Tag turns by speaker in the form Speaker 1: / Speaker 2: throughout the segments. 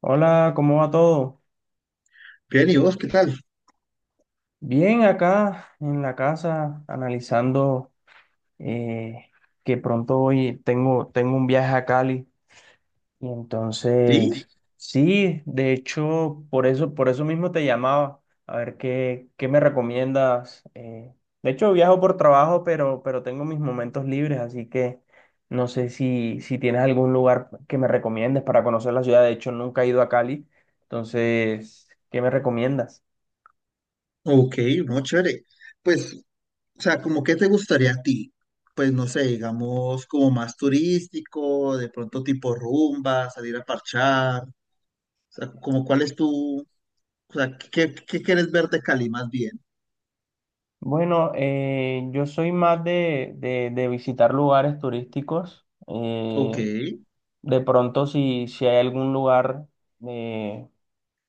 Speaker 1: Hola, ¿cómo va todo?
Speaker 2: Bien, ¿y vos qué tal?
Speaker 1: Bien, acá en la casa analizando eh, que pronto hoy tengo, tengo un viaje a Cali y
Speaker 2: Sí,
Speaker 1: entonces sí, de hecho, por eso mismo te llamaba, a ver qué me recomiendas. De hecho, viajo por trabajo, pero tengo mis momentos libres, así que no sé si tienes algún lugar que me recomiendes para conocer la ciudad. De hecho, nunca he ido a Cali, entonces, ¿qué me recomiendas?
Speaker 2: ok, no, chévere. Pues, o sea, ¿como qué te gustaría a ti? Pues no sé, digamos, como más turístico, de pronto tipo rumba, salir a parchar, o sea, como cuál es tu, o sea, qué quieres ver de Cali más bien?
Speaker 1: Bueno, yo soy más de visitar lugares turísticos.
Speaker 2: Ok,
Speaker 1: De pronto, si hay algún lugar eh,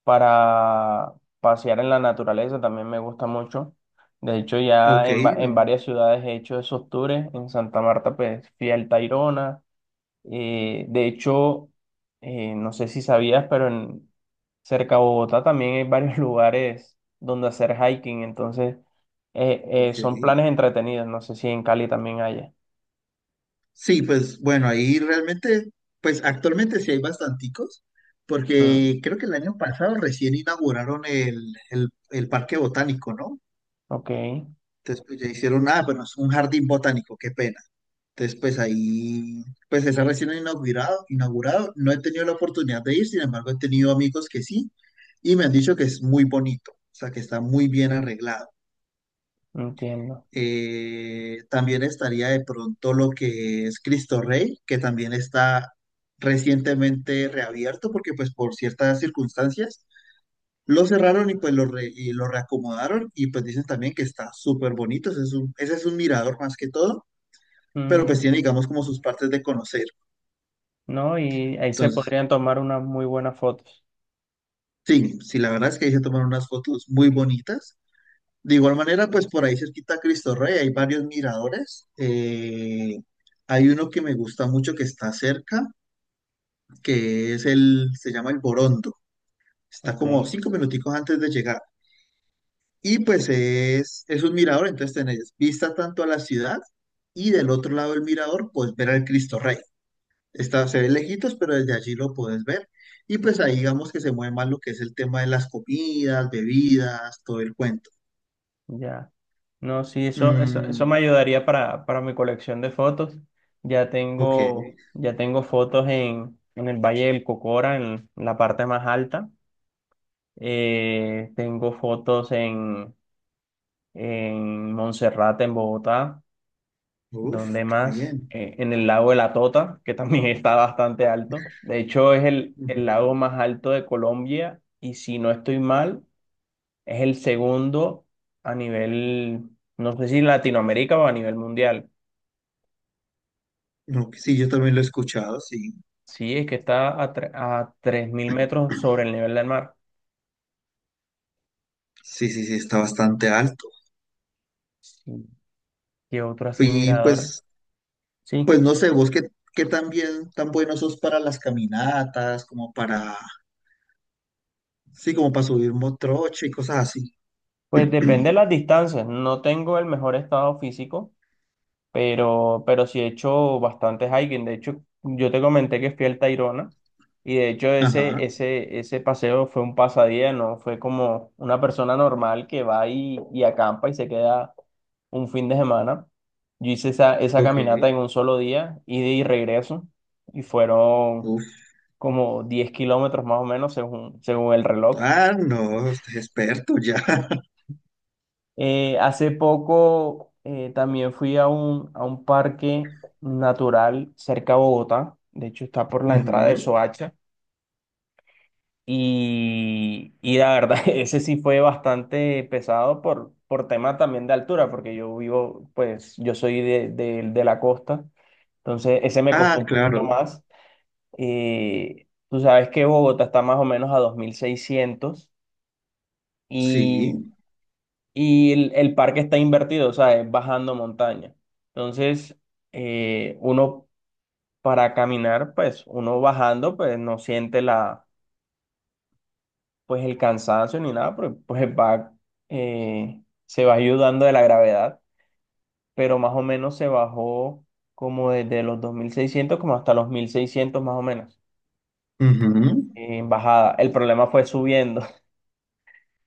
Speaker 1: para pasear en la naturaleza, también me gusta mucho. De hecho,
Speaker 2: ok,
Speaker 1: en
Speaker 2: no,
Speaker 1: varias ciudades he hecho esos tours. En Santa Marta, pues fui al Tayrona. eh, de hecho, no sé si sabías, pero cerca de Bogotá también hay varios lugares donde hacer hiking, entonces eh,
Speaker 2: ok.
Speaker 1: son planes entretenidos. No sé si en Cali también haya.
Speaker 2: Sí, pues bueno, pues actualmente sí hay bastanticos,
Speaker 1: Mm,
Speaker 2: porque creo que el año pasado recién inauguraron el Parque Botánico, ¿no?
Speaker 1: ok,
Speaker 2: Entonces, pues ya hicieron, ah, bueno, es un jardín botánico, qué pena. Entonces, pues ahí, pues está recién inaugurado. No he tenido la oportunidad de ir, sin embargo, he tenido amigos que sí, y me han dicho que es muy bonito, o sea, que está muy bien arreglado.
Speaker 1: entiendo.
Speaker 2: También estaría de pronto lo que es Cristo Rey, que también está recientemente reabierto, porque pues por ciertas circunstancias lo cerraron y pues y lo reacomodaron, y pues dicen también que está súper bonito, ese es un mirador más que todo, pero pues
Speaker 1: Mm,
Speaker 2: tiene, digamos, como sus partes de conocer.
Speaker 1: no, y ahí se
Speaker 2: Entonces,
Speaker 1: podrían tomar unas muy buenas fotos.
Speaker 2: sí, sí, la verdad es que ahí se tomaron unas fotos muy bonitas. De igual manera, pues por ahí cerquita a Cristo Rey hay varios miradores. Hay uno que me gusta mucho que está cerca, que es se llama el Borondo. Está
Speaker 1: Ok,
Speaker 2: como cinco minuticos antes de llegar. Y pues es un mirador, entonces tenés vista tanto a la ciudad y del otro lado del mirador, pues ver al Cristo Rey. Se ve lejitos, pero desde allí lo puedes ver. Y pues ahí digamos que se mueve más lo que es el tema de las comidas, bebidas, todo el cuento.
Speaker 1: ya. No, sí, eso me
Speaker 2: Mm,
Speaker 1: ayudaría para mi colección de fotos.
Speaker 2: ok,
Speaker 1: Ya tengo fotos en el Valle del Cocora, en la parte más alta. Tengo fotos en Monserrate, en Bogotá,
Speaker 2: uf,
Speaker 1: donde
Speaker 2: qué
Speaker 1: más.
Speaker 2: bien.
Speaker 1: En el lago de la Tota, que también está bastante alto. De hecho, es el lago
Speaker 2: Ujú.
Speaker 1: más alto de Colombia y si no estoy mal, es el segundo a nivel, no sé si Latinoamérica o a nivel mundial.
Speaker 2: No, que sí, yo también lo he escuchado, sí.
Speaker 1: Sí, es que está a, a 3000 metros sobre el nivel del mar.
Speaker 2: Sí, sí, sí, está bastante alto.
Speaker 1: Sí. ¿Qué otro así
Speaker 2: Y
Speaker 1: mirador?
Speaker 2: pues,
Speaker 1: Sí,
Speaker 2: pues no sé, vos qué tan tan bueno sos para las caminatas, sí, como para subir motrocho y cosas así.
Speaker 1: pues depende de las distancias. No tengo el mejor estado físico, pero sí he hecho bastantes hiking. De hecho, yo te comenté que fui al Tayrona y de hecho
Speaker 2: Ajá,
Speaker 1: ese paseo fue un pasadía, no fue como una persona normal que va y acampa y se queda un fin de semana. Yo hice esa
Speaker 2: ok.
Speaker 1: caminata en un solo día, ida y regreso, y fueron
Speaker 2: Uf,
Speaker 1: como 10 kilómetros más o menos según el reloj.
Speaker 2: ah, no, usted es experto ya.
Speaker 1: Hace poco también fui a a un parque natural cerca a Bogotá, de hecho está por la entrada de
Speaker 2: Ujú.
Speaker 1: Soacha, y la verdad ese sí fue bastante pesado por tema también de altura, porque yo vivo, pues yo soy de la costa, entonces ese me
Speaker 2: Ah,
Speaker 1: costó un poquito
Speaker 2: claro,
Speaker 1: más. Tú sabes que Bogotá está más o menos a 2600. Y
Speaker 2: sí.
Speaker 1: el parque está invertido, o sea, es bajando montaña. Entonces, uno para caminar, pues uno bajando, pues no siente la, pues el cansancio ni nada, porque pues va, eh, se va ayudando de la gravedad, pero más o menos se bajó como desde los 2600 como hasta los 1600 más o menos
Speaker 2: Ujú.
Speaker 1: en bajada. El problema fue subiendo,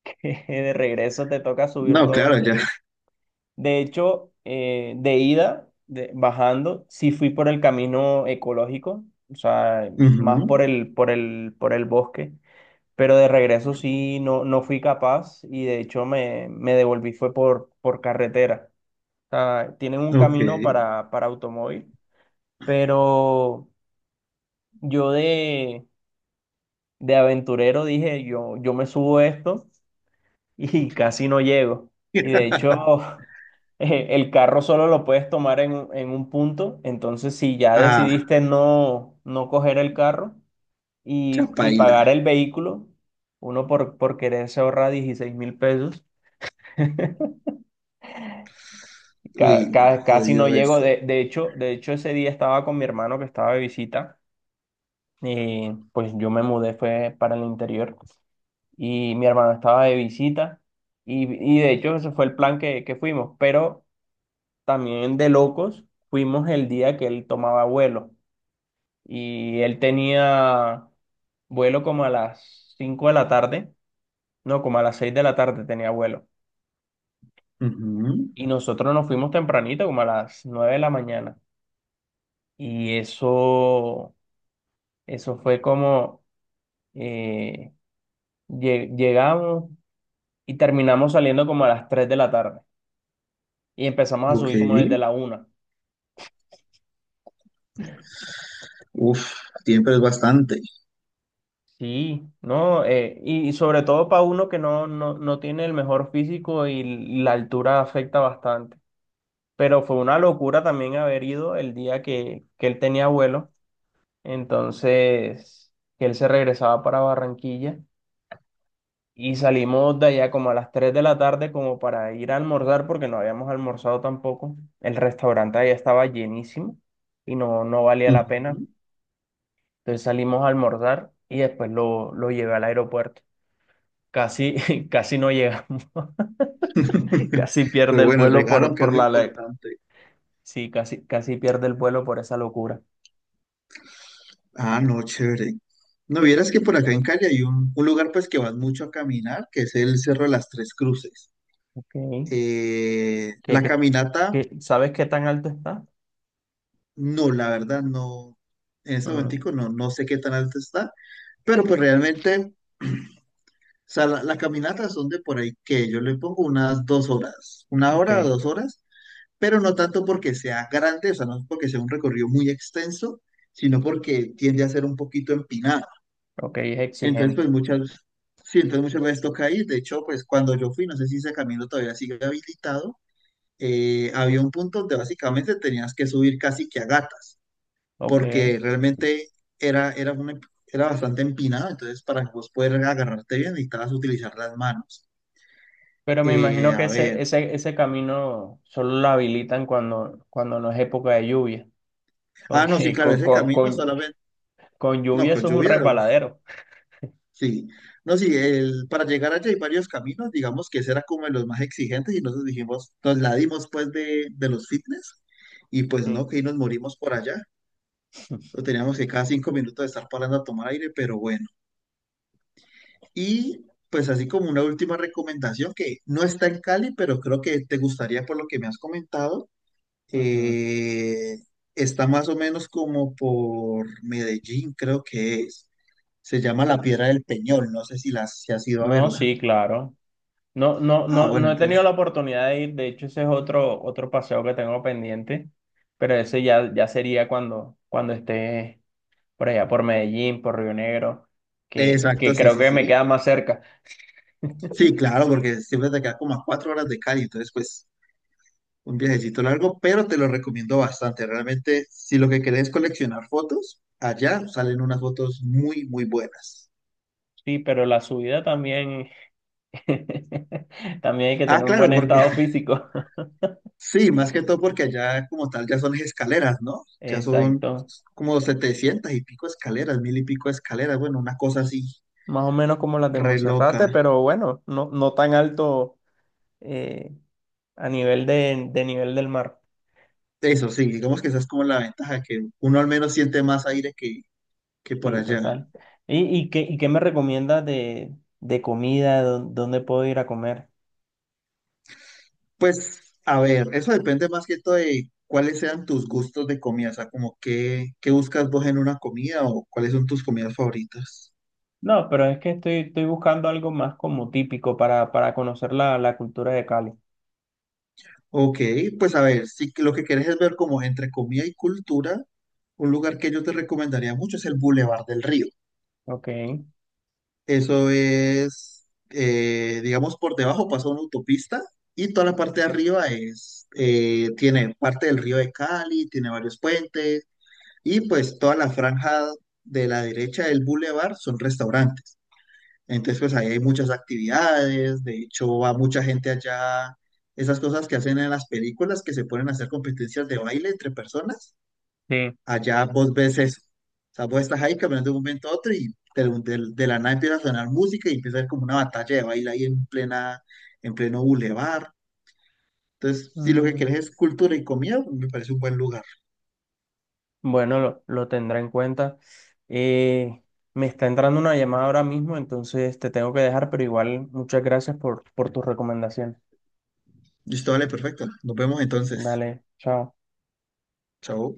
Speaker 1: que de regreso te toca subir
Speaker 2: No, claro,
Speaker 1: todo.
Speaker 2: ya.
Speaker 1: De hecho, bajando, sí fui por el camino ecológico, o sea, más
Speaker 2: Ujú.
Speaker 1: por el bosque, pero de regreso sí no, no fui capaz y de hecho me devolví fue por carretera. O sea, tienen un
Speaker 2: Ok.
Speaker 1: camino para automóvil, pero yo de, de aventurero dije, yo me subo a esto y casi no llego. Y de hecho, el carro solo lo puedes tomar en un punto. Entonces, si ya
Speaker 2: Ah,
Speaker 1: decidiste no, no coger el carro
Speaker 2: ya
Speaker 1: y pagar
Speaker 2: paila.
Speaker 1: el vehículo, uno por quererse ahorrar 16 000 pesos,
Speaker 2: Uy, no,
Speaker 1: casi no
Speaker 2: jodido
Speaker 1: llego.
Speaker 2: eso.
Speaker 1: De hecho, ese día estaba con mi hermano que estaba de visita. Y pues yo me mudé, fue para el interior. Y mi hermano estaba de visita. Y, y de hecho, ese fue el plan que fuimos. Pero también de locos, fuimos el día que él tomaba vuelo y él tenía vuelo como a las 5 de la tarde, no, como a las 6 de la tarde tenía vuelo.
Speaker 2: Ujú.
Speaker 1: Y nosotros nos fuimos tempranito, como a las 9 de la mañana. Y eso, eso fue como eh, llegamos y terminamos saliendo como a las 3 de la tarde. Y empezamos a
Speaker 2: Ok.
Speaker 1: subir como desde la una.
Speaker 2: Uf, siempre es bastante.
Speaker 1: Sí, no, sobre todo para uno que no, no tiene el mejor físico y la altura afecta bastante. Pero fue una locura también haber ido el día que él tenía vuelo, entonces que él se regresaba para Barranquilla y salimos de allá como a las 3 de la tarde como para ir a almorzar porque no habíamos almorzado tampoco. El restaurante allá estaba llenísimo y no, no valía la pena.
Speaker 2: Ujú.
Speaker 1: Entonces salimos a almorzar y después lo llevé al aeropuerto. Casi, casi no llegamos, casi pierde
Speaker 2: Pero
Speaker 1: el
Speaker 2: bueno,
Speaker 1: vuelo
Speaker 2: llegaron, que es
Speaker 1: por
Speaker 2: lo
Speaker 1: la ley.
Speaker 2: importante.
Speaker 1: Sí, casi, casi pierde el vuelo por esa locura.
Speaker 2: Ah, no, chévere. No vieras que por acá en Cali hay un lugar pues que vas mucho a caminar, que es el Cerro de las Tres Cruces.
Speaker 1: Ok. ¿Qué-
Speaker 2: La
Speaker 1: qué-
Speaker 2: caminata.
Speaker 1: sabes qué tan alto está?
Speaker 2: No, la verdad, no. En ese
Speaker 1: Mm,
Speaker 2: momentico no, no sé qué tan alto está, pero pues realmente, o sea, las caminatas son de por ahí que yo le pongo unas 2 horas, una
Speaker 1: ok,
Speaker 2: hora o 2 horas, pero no tanto porque sea grande, o sea, no porque sea un recorrido muy extenso, sino porque tiende a ser un poquito empinado.
Speaker 1: ok, es
Speaker 2: Entonces, pues
Speaker 1: exigente.
Speaker 2: sí, entonces muchas veces toca ir. De hecho, pues cuando yo fui, no sé si ese camino todavía sigue habilitado, había un punto donde básicamente tenías que subir casi que a gatas,
Speaker 1: Ok.
Speaker 2: porque realmente era, era, una, era bastante empinada, entonces para vos poder agarrarte bien necesitabas utilizar las manos.
Speaker 1: Pero me
Speaker 2: Eh,
Speaker 1: imagino que
Speaker 2: a ver,
Speaker 1: ese camino solo lo habilitan cuando, cuando no es época de lluvia,
Speaker 2: ah, no, sí,
Speaker 1: porque
Speaker 2: claro, ese camino solamente,
Speaker 1: con
Speaker 2: no,
Speaker 1: lluvia
Speaker 2: con
Speaker 1: eso es un
Speaker 2: lluvia, uf,
Speaker 1: resbaladero.
Speaker 2: sí, no, sí, para llegar allá hay varios caminos, digamos que ese era como de los más exigentes y nosotros dijimos, nos la dimos pues de los fitness y pues
Speaker 1: Sí.
Speaker 2: no, que ahí nos morimos por allá, lo teníamos que cada 5 minutos de estar parando a tomar aire, pero bueno. Y pues así como una última recomendación que no está en Cali, pero creo que te gustaría por lo que me has comentado,
Speaker 1: Ujú.
Speaker 2: eh, está más o menos como por Medellín, creo que es. Se llama La Piedra del Peñol, no sé si has ido a
Speaker 1: No,
Speaker 2: verla.
Speaker 1: sí, claro. No, no,
Speaker 2: Ah,
Speaker 1: no,
Speaker 2: bueno,
Speaker 1: no he tenido
Speaker 2: entonces.
Speaker 1: la oportunidad de ir, de hecho ese es otro, otro paseo que tengo pendiente, pero ese ya, ya sería cuando, cuando esté por allá, por Medellín, por Río Negro,
Speaker 2: Exacto,
Speaker 1: que
Speaker 2: sí,
Speaker 1: creo
Speaker 2: sí,
Speaker 1: que me
Speaker 2: sí.
Speaker 1: queda más cerca.
Speaker 2: Sí, claro, porque siempre te queda como a 4 horas de Cali, entonces pues un viajecito largo, pero te lo recomiendo bastante. Realmente, si lo que querés es coleccionar fotos, allá salen unas fotos muy, muy buenas.
Speaker 1: Sí, pero la subida también, también hay que
Speaker 2: Ah,
Speaker 1: tener un
Speaker 2: claro,
Speaker 1: buen
Speaker 2: porque
Speaker 1: estado físico.
Speaker 2: sí, más que todo porque allá como tal ya son las escaleras, ¿no? Ya son
Speaker 1: Exacto,
Speaker 2: como 700 y pico escaleras, mil y pico escaleras, bueno, una cosa así
Speaker 1: más o menos como las de
Speaker 2: re loca.
Speaker 1: Monserrate, pero bueno, no, no tan alto, eh, a nivel de nivel del mar.
Speaker 2: Eso sí, digamos que esa es como la ventaja, que uno al menos siente más aire que por
Speaker 1: Sí,
Speaker 2: allá.
Speaker 1: total. Y qué me recomiendas de comida? ¿Dónde puedo ir a comer?
Speaker 2: Pues, a ver, eso depende más que todo de cuáles sean tus gustos de comida, o sea, qué buscas vos en una comida o cuáles son tus comidas favoritas.
Speaker 1: No, pero es que estoy, estoy buscando algo más como típico para conocer la, la cultura de Cali.
Speaker 2: Ok, pues a ver, si que- lo que quieres es ver como entre comida y cultura, un lugar que yo te recomendaría mucho es el Boulevard del Río.
Speaker 1: Ok,
Speaker 2: Eso es, digamos, por debajo pasa una autopista y toda la parte de arriba es, tiene parte del río de Cali, tiene varios puentes y pues toda la franja de la derecha del Boulevard son restaurantes. Entonces, pues ahí hay muchas actividades, de hecho va mucha gente allá, esas cosas que hacen en las películas que se ponen a hacer competencias de baile entre personas,
Speaker 1: sí.
Speaker 2: allá vos ves eso. O sea, vos estás ahí caminando de un momento a otro y de la nada empieza a sonar música y empieza a haber como una batalla de baile ahí en plena, en pleno bulevar. Entonces, si lo que
Speaker 1: Mm,
Speaker 2: querés es cultura y comida, me parece un buen lugar.
Speaker 1: bueno, lo tendré en cuenta. Eh, me está entrando una llamada ahora mismo, entonces te tengo que dejar, pero igual muchas gracias por tus recomendaciones.
Speaker 2: Listo, vale, perfecto. Nos vemos entonces.
Speaker 1: Dale, chao.
Speaker 2: Chao.